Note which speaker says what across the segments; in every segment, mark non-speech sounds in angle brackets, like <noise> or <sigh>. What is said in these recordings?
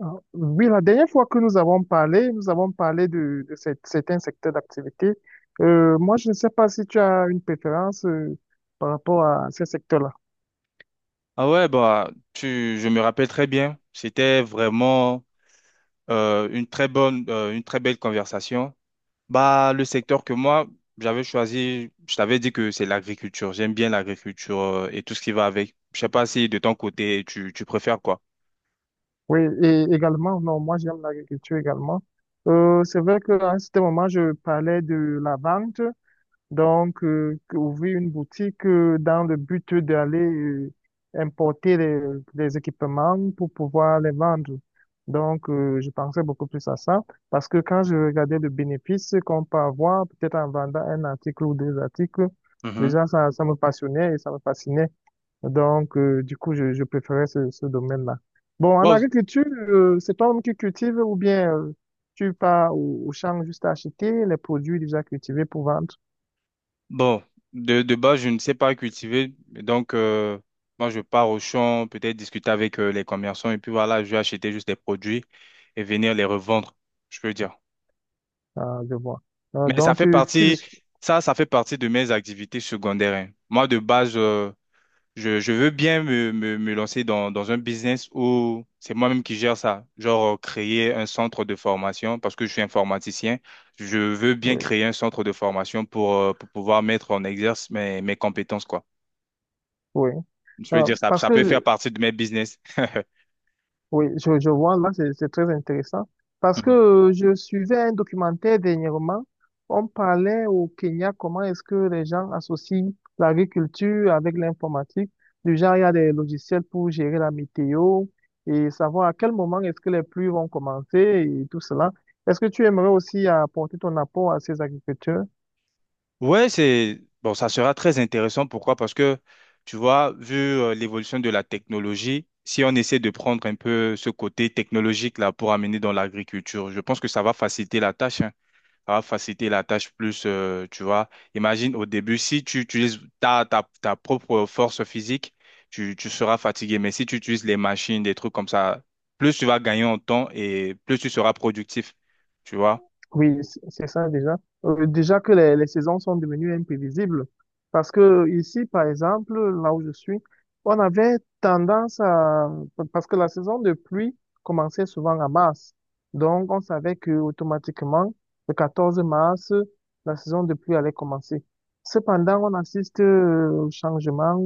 Speaker 1: Ah, oui, la dernière fois que nous avons parlé de certains secteurs d'activité. Moi, je ne sais pas si tu as une préférence par rapport à ces secteurs-là.
Speaker 2: Ah ouais, bah, je me rappelle très bien. C'était vraiment une très bonne, une très belle conversation. Bah, le secteur que moi, j'avais choisi, je t'avais dit que c'est l'agriculture. J'aime bien l'agriculture et tout ce qui va avec. Je sais pas si de ton côté, tu préfères quoi?
Speaker 1: Oui, et également, non, moi j'aime l'agriculture également. C'est vrai qu'à un certain moment, je parlais de la vente, donc ouvrir une boutique dans le but d'aller importer les équipements pour pouvoir les vendre. Donc, je pensais beaucoup plus à ça, parce que quand je regardais le bénéfice qu'on peut avoir, peut-être en vendant un article ou deux articles,
Speaker 2: Mhm.
Speaker 1: déjà ça, ça me passionnait et ça me fascinait. Donc, du coup, je préférais ce domaine-là. Bon, en
Speaker 2: Wow.
Speaker 1: agriculture, c'est toi-même qui cultives ou bien tu pars au champ juste à acheter les produits déjà cultivés pour vendre?
Speaker 2: Bon, de base, je ne sais pas cultiver. Moi, je pars au champ, peut-être discuter avec les commerçants. Et puis voilà, je vais acheter juste des produits et venir les revendre, je peux dire.
Speaker 1: Ah, je vois.
Speaker 2: Mais ça
Speaker 1: Donc,
Speaker 2: fait partie, ça fait partie de mes activités secondaires, hein. Moi, de base, je veux bien me lancer dans un business où c'est moi-même qui gère ça. Genre, créer un centre de formation, parce que je suis informaticien. Je veux bien
Speaker 1: oui,
Speaker 2: créer un centre de formation pour pouvoir mettre en exerce mes compétences, quoi.
Speaker 1: oui.
Speaker 2: Je veux
Speaker 1: Euh,
Speaker 2: dire,
Speaker 1: parce
Speaker 2: ça
Speaker 1: que,
Speaker 2: peut faire
Speaker 1: euh,
Speaker 2: partie de mes business. <laughs>
Speaker 1: Oui, je vois, là, c'est très intéressant. Parce que
Speaker 2: Mhm.
Speaker 1: je suivais un documentaire dernièrement. On parlait au Kenya comment est-ce que les gens associent l'agriculture avec l'informatique. Du genre, il y a des logiciels pour gérer la météo et savoir à quel moment est-ce que les pluies vont commencer et tout cela. Est-ce que tu aimerais aussi apporter ton apport à ces agriculteurs?
Speaker 2: Ouais, c'est bon, ça sera très intéressant. Pourquoi? Parce que tu vois, vu l'évolution de la technologie, si on essaie de prendre un peu ce côté technologique là pour amener dans l'agriculture, je pense que ça va faciliter la tâche, hein. Ça va faciliter la tâche plus, tu vois. Imagine au début, si tu utilises ta propre force physique, tu seras fatigué. Mais si tu utilises les machines, des trucs comme ça, plus tu vas gagner en temps et plus tu seras productif, tu vois.
Speaker 1: Oui, c'est ça déjà. Déjà que les saisons sont devenues imprévisibles. Parce que ici, par exemple, là où je suis, on avait tendance à. Parce que la saison de pluie commençait souvent à mars. Donc, on savait que automatiquement, le 14 mars, la saison de pluie allait commencer. Cependant, on assiste au changement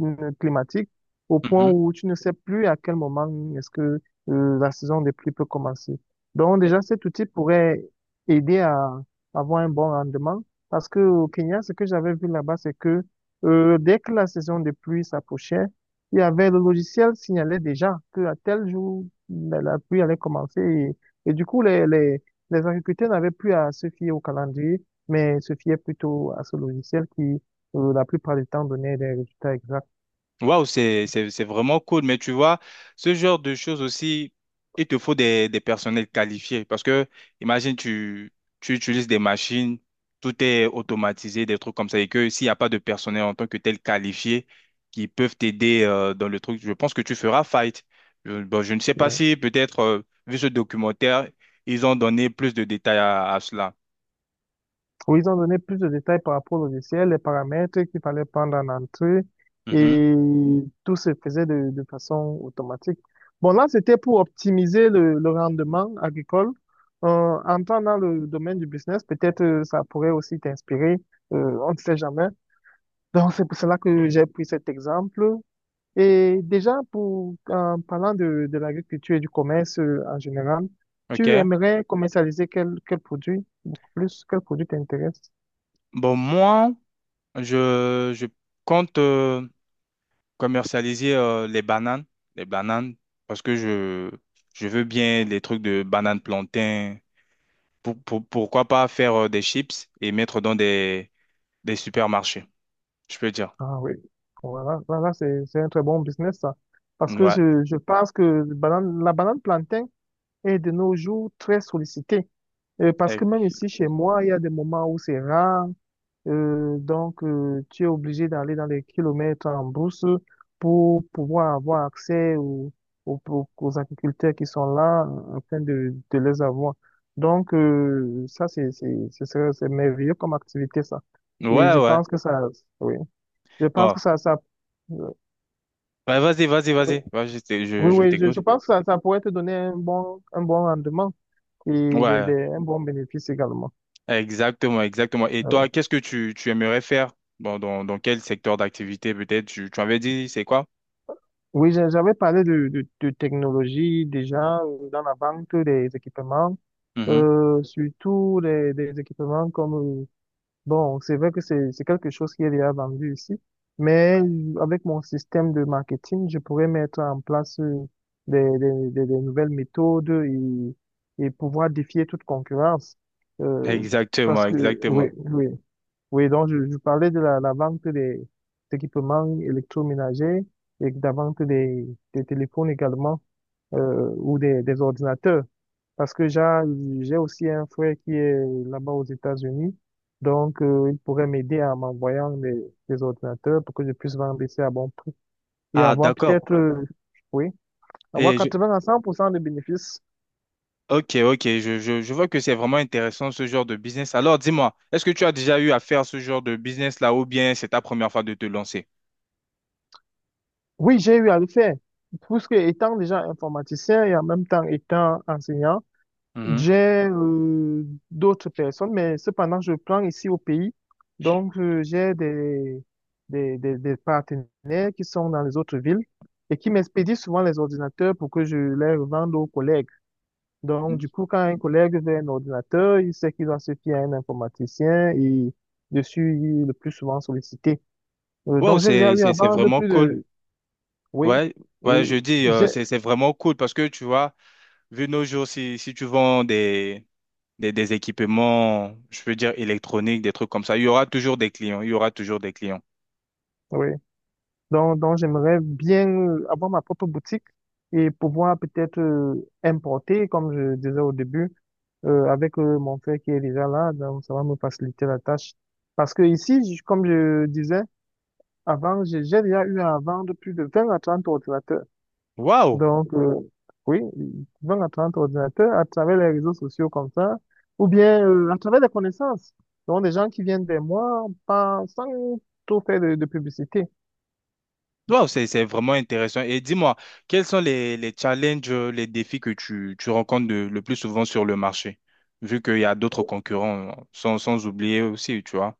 Speaker 1: climatique au point
Speaker 2: Mhm.
Speaker 1: où tu ne sais plus à quel moment est-ce que la saison de pluie peut commencer. Donc, déjà, cet outil pourrait aider à avoir un bon rendement. Parce que au Kenya, ce que j'avais vu là-bas, c'est que dès que la saison de pluie s'approchait, il y avait le logiciel signalait déjà que à tel jour la pluie allait commencer et du coup les agriculteurs n'avaient plus à se fier au calendrier, mais se fiaient plutôt à ce logiciel qui la plupart du temps donnait des résultats exacts.
Speaker 2: Waouh, c'est vraiment cool. Mais tu vois, ce genre de choses aussi, il te faut des personnels qualifiés. Parce que, imagine, tu utilises des machines, tout est automatisé, des trucs comme ça. Et que s'il n'y a pas de personnel en tant que tel qualifié qui peuvent t'aider dans le truc, je pense que tu feras fight. Bon, je ne sais pas
Speaker 1: Ouais.
Speaker 2: si, peut-être, vu ce documentaire, ils ont donné plus de détails à cela.
Speaker 1: Où ils ont donné plus de détails par rapport au logiciel, les paramètres qu'il fallait prendre en entrée
Speaker 2: Mhm.
Speaker 1: et tout se faisait de façon automatique. Bon, là, c'était pour optimiser le rendement agricole. Entrant dans le domaine du business, peut-être ça pourrait aussi t'inspirer. On ne sait jamais. Donc, c'est pour cela que j'ai pris cet exemple. Et déjà, en parlant de l'agriculture et du commerce en général, tu
Speaker 2: OK?
Speaker 1: aimerais commercialiser quel produit, beaucoup plus, quel produit t'intéresse?
Speaker 2: Bon, moi, je compte commercialiser les bananes, les bananes, parce que je veux bien les trucs de bananes plantain. Pourquoi pas faire des chips et mettre dans des supermarchés, je peux dire.
Speaker 1: Ah oui, voilà, voilà, c'est un très bon business, ça. Parce que
Speaker 2: Ouais.
Speaker 1: je pense que la banane plantain est de nos jours très sollicitée. Parce
Speaker 2: Eh.
Speaker 1: que même ici, chez moi, il y a des moments où c'est rare. Donc, tu es obligé d'aller dans les kilomètres en brousse pour pouvoir avoir accès aux agriculteurs qui sont là afin de les avoir. Donc, ça, c'est merveilleux comme activité, ça. Et
Speaker 2: Ouais,
Speaker 1: je
Speaker 2: ouais.
Speaker 1: pense que ça, oui, je pense
Speaker 2: Bon.
Speaker 1: que ça, euh,
Speaker 2: Ouais,
Speaker 1: oui,
Speaker 2: vas-y.
Speaker 1: oui,
Speaker 2: Je
Speaker 1: oui, je
Speaker 2: t'écoute.
Speaker 1: pense que ça pourrait te donner un bon rendement et
Speaker 2: Ouais,
Speaker 1: un bon bénéfice également.
Speaker 2: exactement, exactement. Et
Speaker 1: Ah,
Speaker 2: toi,
Speaker 1: ouais.
Speaker 2: qu'est-ce que tu aimerais faire? Bon, dans quel secteur d'activité peut-être? Tu avais dit, c'est quoi?
Speaker 1: Oui, j'avais parlé de technologie déjà dans la vente des équipements,
Speaker 2: Mhm.
Speaker 1: surtout des équipements comme, euh, bon, c'est vrai que c'est quelque chose qui est déjà vendu ici, mais avec mon système de marketing, je pourrais mettre en place des nouvelles méthodes et pouvoir défier toute concurrence. Euh, parce
Speaker 2: Exactement,
Speaker 1: que, oui,
Speaker 2: exactement.
Speaker 1: oui. Oui, donc je parlais de la vente équipements électroménagers et de la vente des téléphones également ou des ordinateurs. Parce que j'ai aussi un frère qui est là-bas aux États-Unis, donc il pourrait m'aider en m'envoyant des ordinateurs pour que je puisse vendre ici à bon prix et
Speaker 2: Ah,
Speaker 1: avoir
Speaker 2: d'accord.
Speaker 1: peut-être, oui, avoir
Speaker 2: Et je,
Speaker 1: 80 à 100% de bénéfices.
Speaker 2: Ok, ok, je vois que c'est vraiment intéressant ce genre de business. Alors dis-moi, est-ce que tu as déjà eu à faire ce genre de business là ou bien c'est ta première fois de te lancer?
Speaker 1: Oui, j'ai eu à le faire. Puisque étant déjà informaticien et en même temps étant enseignant,
Speaker 2: Mhm.
Speaker 1: j'ai d'autres personnes, mais cependant, je prends ici au pays. Donc, j'ai des partenaires qui sont dans les autres villes et qui m'expédient souvent les ordinateurs pour que je les revende aux collègues. Donc, du coup, quand un collègue veut un ordinateur, il sait qu'il doit se fier à un informaticien et dessus, il est le plus souvent sollicité. Euh,
Speaker 2: Wow,
Speaker 1: donc, j'ai déjà eu à
Speaker 2: c'est
Speaker 1: vendre
Speaker 2: vraiment
Speaker 1: plus
Speaker 2: cool.
Speaker 1: de. Oui,
Speaker 2: Ouais, ouais, je
Speaker 1: oui,
Speaker 2: dis,
Speaker 1: j'ai.
Speaker 2: c'est vraiment cool parce que tu vois, vu nos jours, si tu vends des équipements, je veux dire électroniques, des trucs comme ça, il y aura toujours des clients, il y aura toujours des clients.
Speaker 1: Oui. Donc, j'aimerais bien avoir ma propre boutique et pouvoir peut-être importer, comme je disais au début, avec mon frère qui est déjà là. Donc, ça va me faciliter la tâche. Parce que ici, comme je disais avant, j'ai déjà eu à vendre plus de 20 à 30 ordinateurs.
Speaker 2: Waouh!
Speaker 1: Donc, oui, ils vont à ton ordinateur à travers les réseaux sociaux comme ça, ou bien à travers des connaissances. Donc, des gens qui viennent des mois pas, sans trop faire de publicité.
Speaker 2: Wow, c'est vraiment intéressant. Et dis-moi, quels sont les challenges, les défis que tu rencontres le plus souvent sur le marché, vu qu'il y a d'autres concurrents, hein, sans oublier aussi, tu vois.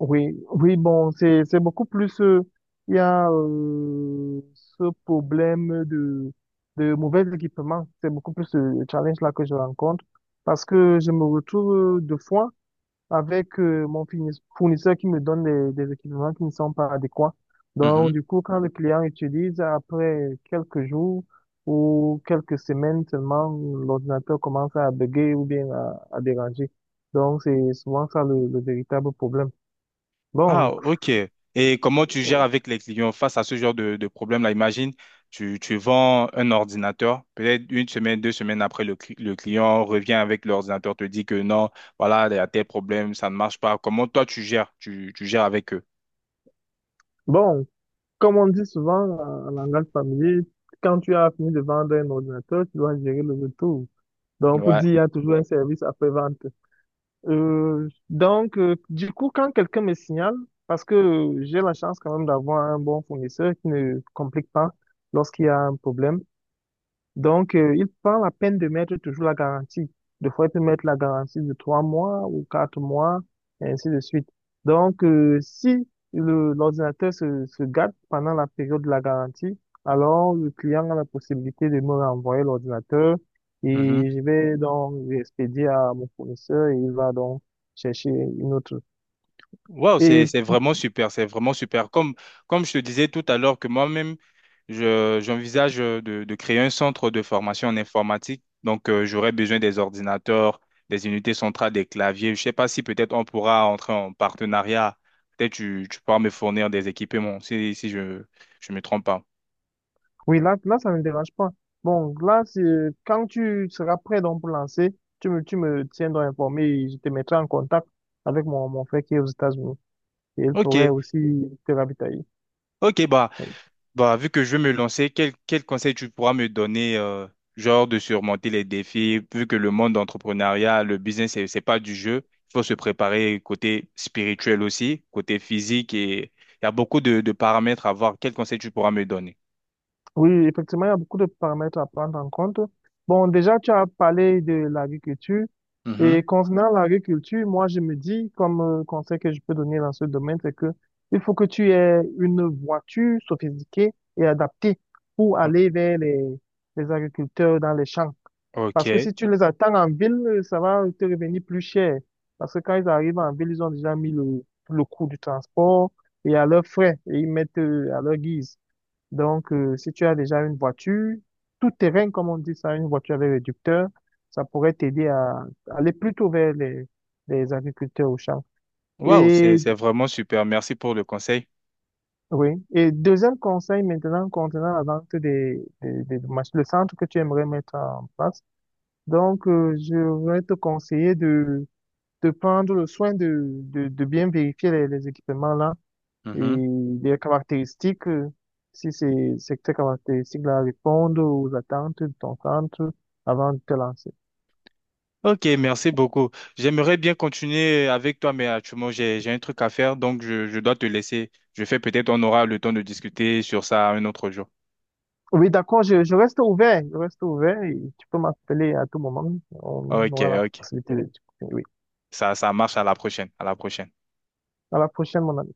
Speaker 1: Oui, oui, bon, c'est beaucoup plus. Il y a ce problème de mauvais équipement. C'est beaucoup plus le challenge là que je rencontre parce que je me retrouve 2 fois, avec fournisseur qui me donne des équipements qui ne sont pas adéquats. Donc,
Speaker 2: Mhm.
Speaker 1: du coup, quand le client utilise, après quelques jours ou quelques semaines seulement, l'ordinateur commence à bugger ou bien à déranger. Donc, c'est souvent ça le véritable problème.
Speaker 2: Ah,
Speaker 1: Bon,
Speaker 2: ok. Et comment tu gères
Speaker 1: oui.
Speaker 2: avec les clients face à ce genre de problème-là? Imagine, tu vends un ordinateur, peut-être une semaine, deux semaines après, le client revient avec l'ordinateur, te dit que non, voilà, il y a tel problème, ça ne marche pas. Comment toi tu gères? Tu gères avec eux?
Speaker 1: Bon, comme on dit souvent en langage familier, quand tu as fini de vendre un ordinateur, tu dois gérer le retour. Donc, pour
Speaker 2: Ouais.
Speaker 1: dire, il y a toujours un service après-vente. Du coup, quand quelqu'un me signale, parce que j'ai la chance quand même d'avoir un bon fournisseur qui ne complique pas lorsqu'il y a un problème, donc, il prend la peine de mettre toujours la garantie. Des fois, il peut mettre la garantie de 3 mois ou 4 mois, et ainsi de suite. Donc, si l'ordinateur se gâte pendant la période de la garantie, alors le client a la possibilité de me renvoyer l'ordinateur et je vais donc l'expédier à mon fournisseur et il va donc chercher une autre.
Speaker 2: Wow,
Speaker 1: Et
Speaker 2: c'est vraiment super, c'est vraiment super. Comme je te disais tout à l'heure que moi-même, je j'envisage de créer un centre de formation en informatique. Donc j'aurais besoin des ordinateurs, des unités centrales, des claviers. Je sais pas si peut-être on pourra entrer en partenariat. Peut-être tu pourras me fournir des équipements si je me trompe pas.
Speaker 1: oui, là, là, ça ne me dérange pas. Bon, là, quand tu seras prêt donc pour lancer, tu me tiendras informé et je te mettrai en contact avec mon frère qui est aux États-Unis. Et il
Speaker 2: Ok,
Speaker 1: pourrait aussi te ravitailler.
Speaker 2: ok bah.
Speaker 1: Oui.
Speaker 2: Bah, vu que je vais me lancer, quel conseil tu pourras me donner, genre de surmonter les défis, vu que le monde d'entrepreneuriat, le business, c'est pas du jeu. Il faut se préparer côté spirituel aussi, côté physique et il y a beaucoup de paramètres à voir. Quel conseil tu pourras me donner?
Speaker 1: Oui, effectivement, il y a beaucoup de paramètres à prendre en compte. Bon, déjà, tu as parlé de l'agriculture. Et
Speaker 2: Mhm.
Speaker 1: concernant l'agriculture, moi, je me dis, comme conseil que je peux donner dans ce domaine, c'est que il faut que tu aies une voiture sophistiquée et adaptée pour aller vers les agriculteurs dans les champs. Parce que
Speaker 2: Ok.
Speaker 1: si tu les attends en ville, ça va te revenir plus cher. Parce que quand ils arrivent en ville, ils ont déjà mis le coût du transport et à leurs frais et ils mettent à leur guise. Donc, si tu as déjà une voiture, tout terrain, comme on dit ça, une voiture avec réducteur, ça pourrait t'aider à aller plutôt vers les agriculteurs au champ.
Speaker 2: Waouh,
Speaker 1: Et
Speaker 2: c'est vraiment super. Merci pour le conseil.
Speaker 1: oui. Et deuxième conseil maintenant concernant la vente le centre que tu aimerais mettre en place. Donc, je vais te conseiller de prendre le soin de bien vérifier les équipements là
Speaker 2: Mhm.
Speaker 1: et des caractéristiques, si ces caractéristiques-là répondent aux attentes de ton centre avant de te lancer.
Speaker 2: Ok, merci beaucoup. J'aimerais bien continuer avec toi, mais actuellement, j'ai un truc à faire, donc je dois te laisser. Je fais peut-être, on aura le temps de discuter sur ça un autre jour.
Speaker 1: Oui, d'accord, je reste ouvert, je reste ouvert et tu peux m'appeler à tout moment. On
Speaker 2: Ok,
Speaker 1: aura la
Speaker 2: ok.
Speaker 1: possibilité de... discuter. Oui,
Speaker 2: Ça marche. À la prochaine. À la prochaine.
Speaker 1: à la prochaine, mon ami.